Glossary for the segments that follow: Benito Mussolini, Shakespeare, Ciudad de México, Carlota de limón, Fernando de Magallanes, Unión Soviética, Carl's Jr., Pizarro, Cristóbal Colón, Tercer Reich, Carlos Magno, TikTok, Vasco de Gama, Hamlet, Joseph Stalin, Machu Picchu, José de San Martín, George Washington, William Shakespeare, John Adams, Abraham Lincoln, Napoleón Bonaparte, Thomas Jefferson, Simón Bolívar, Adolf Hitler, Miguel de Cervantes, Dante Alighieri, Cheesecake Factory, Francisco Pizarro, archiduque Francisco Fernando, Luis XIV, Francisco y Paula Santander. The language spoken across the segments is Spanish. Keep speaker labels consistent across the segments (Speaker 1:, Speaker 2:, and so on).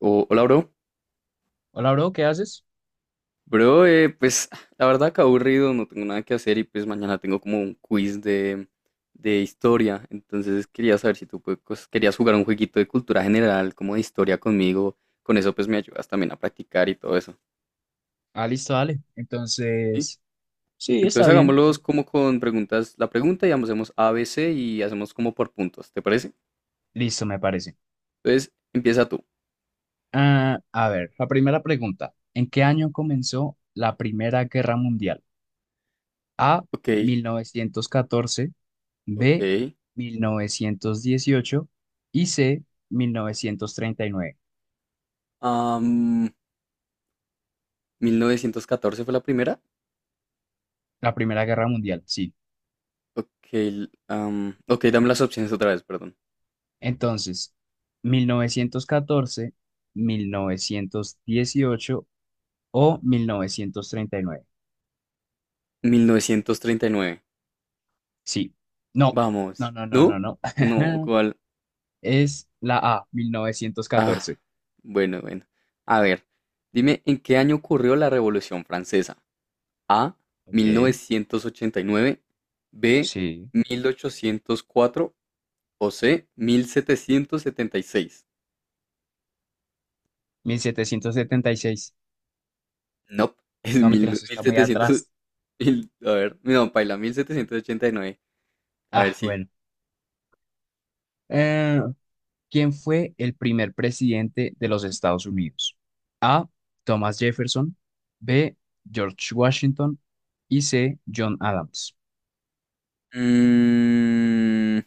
Speaker 1: O- hola, bro.
Speaker 2: Hola, bro, ¿qué haces?
Speaker 1: Bro, pues la verdad que aburrido, no tengo nada que hacer y pues mañana tengo como un quiz de historia. Entonces quería saber si tú pues, cos- querías jugar un jueguito de cultura general, como de historia conmigo. Con eso pues me ayudas también a practicar y todo eso.
Speaker 2: Ah, listo, dale.
Speaker 1: ¿Sí?
Speaker 2: Entonces, sí, está
Speaker 1: Entonces
Speaker 2: bien. O
Speaker 1: hagámoslos
Speaker 2: sea,
Speaker 1: como con preguntas, la pregunta y hacemos A, B, C y hacemos como por puntos, ¿te parece?
Speaker 2: listo, me parece.
Speaker 1: Entonces empieza tú.
Speaker 2: Ah, a ver, la primera pregunta. ¿En qué año comenzó la Primera Guerra Mundial? A,
Speaker 1: Ok,
Speaker 2: 1914. B,
Speaker 1: ok.
Speaker 2: 1918. Y C, 1939.
Speaker 1: Am, ¿1914 fue la primera?
Speaker 2: La Primera Guerra Mundial, sí.
Speaker 1: Ok, l- ok, dame las opciones otra vez, perdón.
Speaker 2: Entonces, mil novecientos catorce, 1918, o 1939.
Speaker 1: 1939.
Speaker 2: Sí. No, no,
Speaker 1: Vamos.
Speaker 2: no, no, no,
Speaker 1: ¿No?
Speaker 2: no.
Speaker 1: No, ¿cuál?
Speaker 2: Es la A, mil novecientos
Speaker 1: Ah,
Speaker 2: catorce,
Speaker 1: bueno, bueno. A ver, dime, ¿en qué año ocurrió la Revolución Francesa? A,
Speaker 2: Ok.
Speaker 1: 1989, B,
Speaker 2: Sí.
Speaker 1: 1804 o C, 1776.
Speaker 2: 1776.
Speaker 1: Nope, es
Speaker 2: No, mentira,
Speaker 1: mil-
Speaker 2: eso está muy
Speaker 1: 1700.
Speaker 2: atrás.
Speaker 1: Mil- a ver, no, paila, 1789. A ver,
Speaker 2: Ah,
Speaker 1: sigue.
Speaker 2: bueno. Eh, ¿Quién fue el primer presidente de los Estados Unidos? A, Thomas Jefferson. B, George Washington. Y C, John Adams.
Speaker 1: Mm,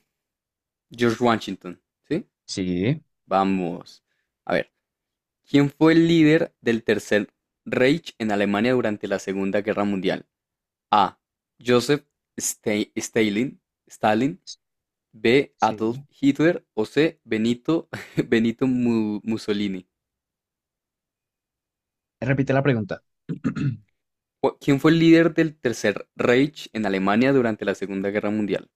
Speaker 1: George Washington, ¿sí?
Speaker 2: Sí,
Speaker 1: Vamos. A ver, ¿quién fue el líder del Tercer Reich en Alemania durante la Segunda Guerra Mundial? A. Joseph Sta- Stalin, Stalin, B. Adolf
Speaker 2: sí.
Speaker 1: Hitler o C. Benito, Benito Mussolini.
Speaker 2: Repite la pregunta.
Speaker 1: Cu- ¿Quién fue el líder del Tercer Reich en Alemania durante la Segunda Guerra Mundial?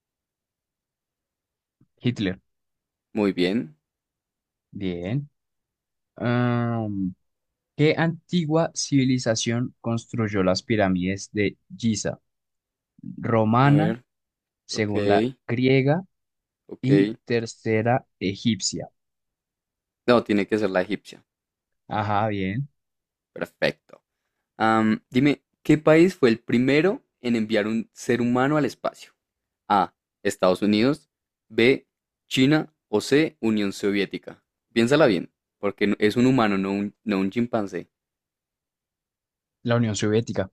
Speaker 2: Hitler.
Speaker 1: Muy bien.
Speaker 2: Bien. ¿Qué antigua civilización construyó las pirámides de Giza?
Speaker 1: A
Speaker 2: Romana,
Speaker 1: ver,
Speaker 2: segunda
Speaker 1: ok,
Speaker 2: griega
Speaker 1: ok.
Speaker 2: y tercera egipcia.
Speaker 1: No, tiene que ser la egipcia.
Speaker 2: Ajá, bien.
Speaker 1: Perfecto. Dime, ¿qué país fue el primero en enviar un ser humano al espacio? A. Estados Unidos. B. China. O C. Unión Soviética. Piénsala bien, porque no- es un humano, no un chimpancé.
Speaker 2: La Unión Soviética.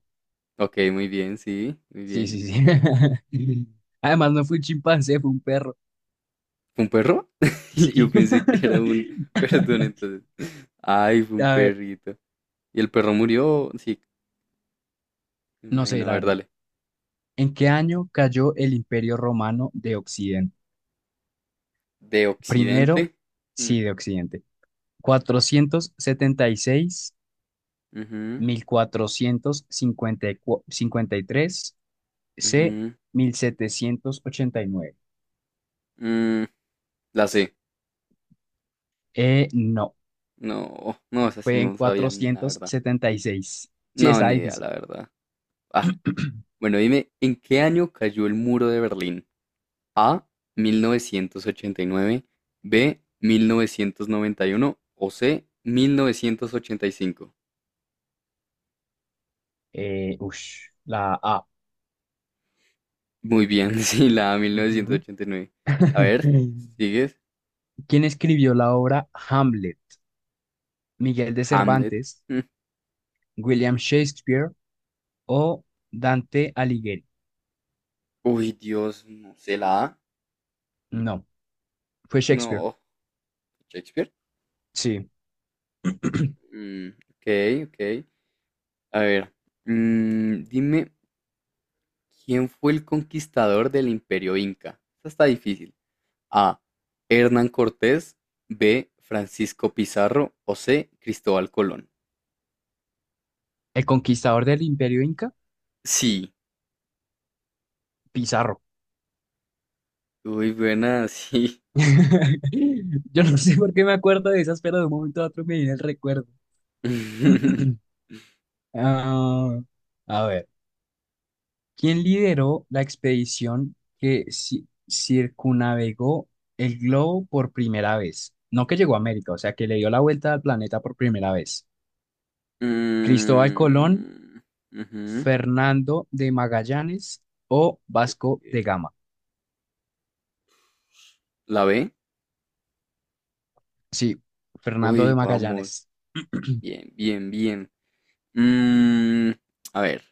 Speaker 1: Ok, muy bien, sí, muy
Speaker 2: Sí,
Speaker 1: bien.
Speaker 2: sí, sí. Además, no fue un chimpancé, fue un perro.
Speaker 1: ¿Fue un perro? Yo
Speaker 2: Sí.
Speaker 1: pensé que era un... Perdón, entonces. Ay, fue un
Speaker 2: A ver,
Speaker 1: perrito. ¿Y el perro murió? Sí, me
Speaker 2: no sé,
Speaker 1: imagino. A
Speaker 2: la
Speaker 1: ver,
Speaker 2: verdad.
Speaker 1: dale.
Speaker 2: ¿En qué año cayó el Imperio Romano de Occidente?
Speaker 1: ¿De
Speaker 2: Primero,
Speaker 1: Occidente? Mm,
Speaker 2: sí, de Occidente. 476.
Speaker 1: ujú,
Speaker 2: 1453. C,
Speaker 1: ujú,
Speaker 2: 1789.
Speaker 1: mm, la C.
Speaker 2: No,
Speaker 1: No, no, esa sí
Speaker 2: fue en
Speaker 1: no sabían, la
Speaker 2: cuatrocientos
Speaker 1: verdad.
Speaker 2: setenta y seis Sí,
Speaker 1: No,
Speaker 2: está
Speaker 1: ni idea,
Speaker 2: difícil.
Speaker 1: la verdad. Ah, bueno, dime, ¿en qué año cayó el muro de Berlín? A, 1989. B, 1991. O C, 1985.
Speaker 2: Ush, la A.
Speaker 1: Muy bien, sí, la A, mil novecientos
Speaker 2: Ujú.
Speaker 1: ochenta y nueve. A ver, ¿sigues?
Speaker 2: ¿Quién escribió la obra Hamlet? ¿Miguel de
Speaker 1: Hamlet.
Speaker 2: Cervantes,
Speaker 1: Mm,
Speaker 2: William Shakespeare o Dante Alighieri?
Speaker 1: uy, Dios, no sé, la A.
Speaker 2: No, fue Shakespeare.
Speaker 1: No, Shakespeare.
Speaker 2: Sí.
Speaker 1: Mm, ok, ok. A ver, mm, dime. ¿Quién fue el conquistador del Imperio Inca? Esta está difícil. A. Hernán Cortés. B. Francisco Pizarro. O C. Cristóbal Colón.
Speaker 2: ¿El conquistador del Imperio Inca?
Speaker 1: Sí.
Speaker 2: Pizarro.
Speaker 1: Uy, buena, sí.
Speaker 2: Yo no sé por qué me acuerdo de esas, pero de un momento a otro me viene el recuerdo. Ah, a ver, ¿quién lideró la expedición que circunnavegó el globo por primera vez? No que llegó a América, o sea, que le dio la vuelta al planeta por primera vez. ¿Cristóbal Colón,
Speaker 1: Mm, ujú.
Speaker 2: Fernando de Magallanes o Vasco
Speaker 1: Ok.
Speaker 2: de Gama?
Speaker 1: ¿La B?
Speaker 2: Sí, Fernando
Speaker 1: Uy,
Speaker 2: de
Speaker 1: vamos.
Speaker 2: Magallanes.
Speaker 1: Bien, bien, bien. Mm, a ver.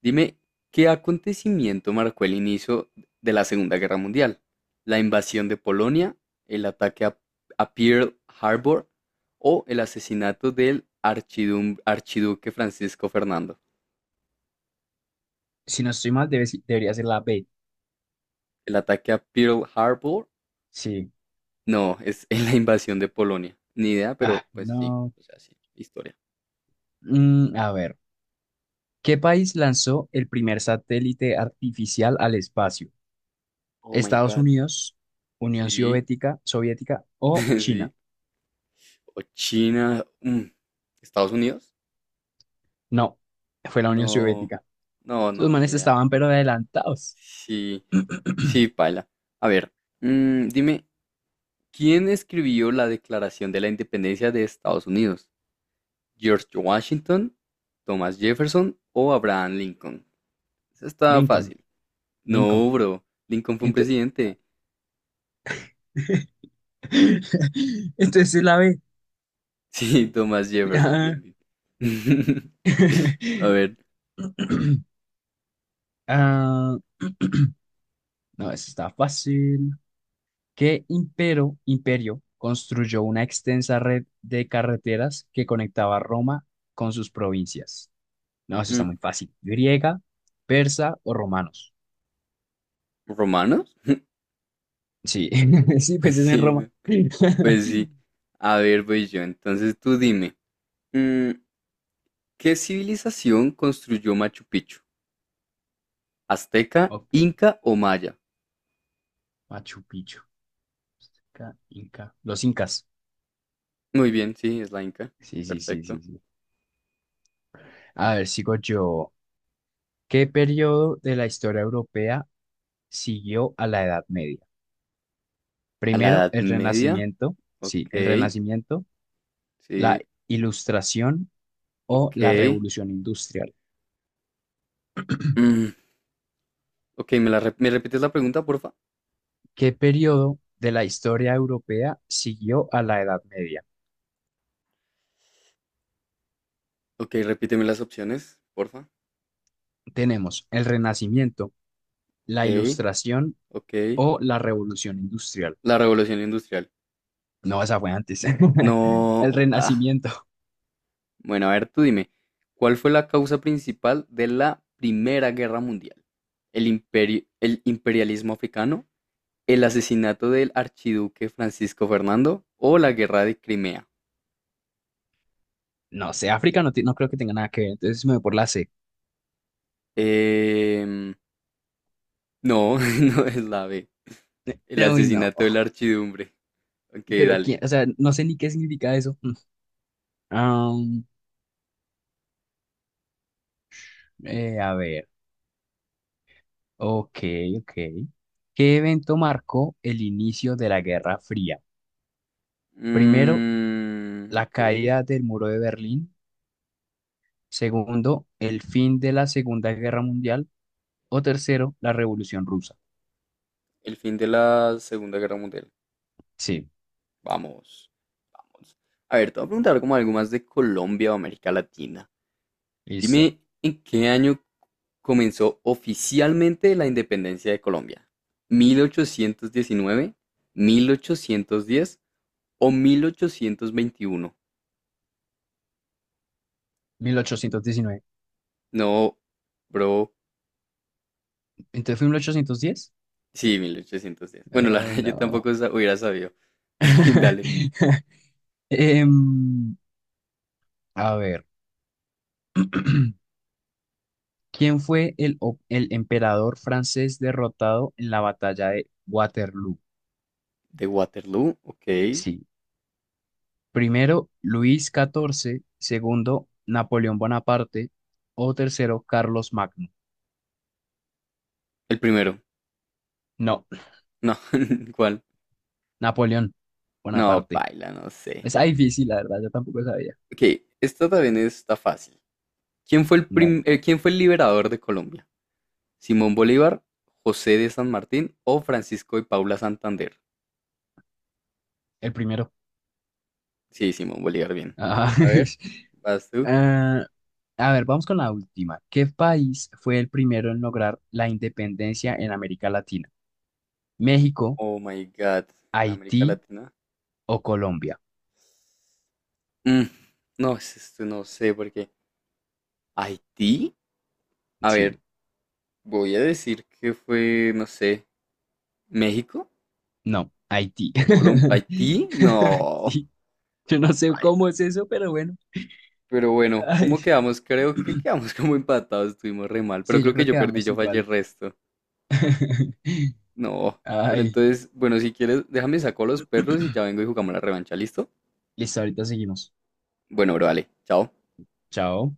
Speaker 1: Dime, ¿qué acontecimiento marcó el inicio de la Segunda Guerra Mundial? ¿La invasión de Polonia, el ataque a Pearl Harbor o el asesinato del archidum- archiduque Francisco Fernando?
Speaker 2: Si no estoy mal, debería ser la B.
Speaker 1: ¿El ataque a Pearl Harbor?
Speaker 2: Sí.
Speaker 1: No, es en la invasión de Polonia. Ni idea, pero
Speaker 2: Ah,
Speaker 1: pues sí,
Speaker 2: no.
Speaker 1: o sea, sí, historia.
Speaker 2: A ver. ¿Qué país lanzó el primer satélite artificial al espacio?
Speaker 1: Oh my
Speaker 2: ¿Estados
Speaker 1: God.
Speaker 2: Unidos, Unión
Speaker 1: Sí,
Speaker 2: Soviética o China?
Speaker 1: sí. O China. Mm, ¿Estados Unidos?
Speaker 2: No, fue la Unión
Speaker 1: No,
Speaker 2: Soviética.
Speaker 1: no,
Speaker 2: Esos
Speaker 1: no, ni
Speaker 2: manes
Speaker 1: idea.
Speaker 2: estaban pero adelantados.
Speaker 1: Sí, sí, paila. A ver, mm, dime, ¿quién escribió la Declaración de la Independencia de Estados Unidos? ¿George Washington, Thomas Jefferson o Abraham Lincoln? Esa está
Speaker 2: Lincoln,
Speaker 1: fácil.
Speaker 2: Lincoln.
Speaker 1: No, bro, Lincoln fue un
Speaker 2: Ento-
Speaker 1: presidente.
Speaker 2: Entonces es la B.
Speaker 1: Sí, Thomas Jefferson,
Speaker 2: Ah.
Speaker 1: bien, bien. A ver,
Speaker 2: Ah, no, eso está fácil. ¿Qué imperio construyó una extensa red de carreteras que conectaba Roma con sus provincias? No, eso está
Speaker 1: mm,
Speaker 2: muy fácil. Griega, persa o romanos.
Speaker 1: ¿romanos?
Speaker 2: Sí, sí,
Speaker 1: Pues
Speaker 2: pues es en
Speaker 1: sí,
Speaker 2: Roma.
Speaker 1: ¿no? Pues sí. A ver, voy yo. Entonces tú dime, mm, ¿qué civilización construyó Machu Picchu? Azteca,
Speaker 2: Ok,
Speaker 1: Inca o Maya.
Speaker 2: Machu Picchu, Inca. Los incas.
Speaker 1: Muy bien, sí, es la Inca.
Speaker 2: Sí, sí, sí,
Speaker 1: Perfecto.
Speaker 2: sí, sí. A ver, sigo yo. ¿Qué periodo de la historia europea siguió a la Edad Media?
Speaker 1: A la
Speaker 2: Primero,
Speaker 1: Edad
Speaker 2: el
Speaker 1: Media.
Speaker 2: Renacimiento, sí,
Speaker 1: Ok,
Speaker 2: el Renacimiento, la
Speaker 1: sí,
Speaker 2: Ilustración o la
Speaker 1: ok.
Speaker 2: Revolución Industrial.
Speaker 1: Mm, ok, ¿me, la rep- ¿me repites la pregunta, porfa?
Speaker 2: ¿Qué periodo de la historia europea siguió a la Edad Media?
Speaker 1: Ok, repíteme las opciones, porfa.
Speaker 2: Tenemos el Renacimiento, la
Speaker 1: Ok,
Speaker 2: Ilustración
Speaker 1: ok.
Speaker 2: o la Revolución Industrial.
Speaker 1: La Revolución Industrial.
Speaker 2: No, esa fue antes. El
Speaker 1: No. Ah,
Speaker 2: Renacimiento.
Speaker 1: bueno, a ver, tú dime. ¿Cuál fue la causa principal de la Primera Guerra Mundial? ¿El imperio, el imperialismo africano? El asesinato del archiduque Francisco Fernando o la guerra de Crimea.
Speaker 2: No sé, África no, no creo que tenga nada que ver. Entonces me voy por la C.
Speaker 1: Em, no, no es la B. El
Speaker 2: Uy, no.
Speaker 1: asesinato de la archidumbre. Ok,
Speaker 2: Pero
Speaker 1: dale.
Speaker 2: quién, o sea, no sé ni qué significa eso. Mm. A ver. Ok, ok. ¿Qué evento marcó el inicio de la Guerra Fría? Primero,
Speaker 1: Mm,
Speaker 2: la
Speaker 1: ok.
Speaker 2: caída del muro de Berlín. Segundo, el fin de la Segunda Guerra Mundial. O tercero, la Revolución Rusa.
Speaker 1: El fin de la Segunda Guerra Mundial.
Speaker 2: Sí,
Speaker 1: Vamos, vamos. A ver, te voy a preguntar como algo más de Colombia o América Latina.
Speaker 2: listo.
Speaker 1: Dime, ¿en qué año comenzó oficialmente la independencia de Colombia? ¿1819, 1810 o 1821?
Speaker 2: 1819.
Speaker 1: No, bro.
Speaker 2: Entonces fue 1810.
Speaker 1: Sí, 1810. Bueno, la
Speaker 2: Ay,
Speaker 1: verdad yo
Speaker 2: no.
Speaker 1: tampoco sa- hubiera sabido. Dale.
Speaker 2: Em, a ver. ¿Quién fue el emperador francés derrotado en la batalla de Waterloo?
Speaker 1: ¿De Waterloo? Ok. El
Speaker 2: Sí. Primero, Luis XIV. Segundo, Napoleón Bonaparte. O tercero, Carlos Magno.
Speaker 1: primero.
Speaker 2: No,
Speaker 1: No, ¿cuál?
Speaker 2: Napoleón
Speaker 1: No,
Speaker 2: Bonaparte.
Speaker 1: paila, no sé.
Speaker 2: Es difícil, la verdad, yo tampoco sabía.
Speaker 1: Ok, esta también está fácil. ¿Quién fue el
Speaker 2: Dale.
Speaker 1: prim- ¿quién fue el liberador de Colombia? Simón Bolívar, José de San Martín o Francisco y Paula Santander.
Speaker 2: El primero.
Speaker 1: Sí, Simón Bolívar, bien.
Speaker 2: Ah.
Speaker 1: A ver, vas tú.
Speaker 2: A ver, vamos con la última. ¿Qué país fue el primero en lograr la independencia en América Latina? ¿México,
Speaker 1: Oh my God, en América
Speaker 2: Haití
Speaker 1: Latina.
Speaker 2: o Colombia?
Speaker 1: Mm, no, es esto no sé por qué. Haití. A ver,
Speaker 2: Sí,
Speaker 1: voy a decir que fue, no sé, México,
Speaker 2: no, Haití.
Speaker 1: Colombia, Haití. No,
Speaker 2: Sí, yo no
Speaker 1: no
Speaker 2: sé
Speaker 1: baila.
Speaker 2: cómo es eso, pero bueno.
Speaker 1: Pero bueno,
Speaker 2: Ay,
Speaker 1: ¿cómo quedamos? Creo que quedamos como empatados, estuvimos re mal. Pero
Speaker 2: sí, yo
Speaker 1: creo que
Speaker 2: creo
Speaker 1: yo
Speaker 2: que
Speaker 1: perdí,
Speaker 2: vamos
Speaker 1: yo fallé el
Speaker 2: iguales.
Speaker 1: resto. No, pero
Speaker 2: Ay,
Speaker 1: entonces, bueno, si quieres, déjame saco a los perros y ya vengo y jugamos la revancha, ¿listo?
Speaker 2: listo, ahorita seguimos.
Speaker 1: Bueno, bro, vale, chao.
Speaker 2: Chao.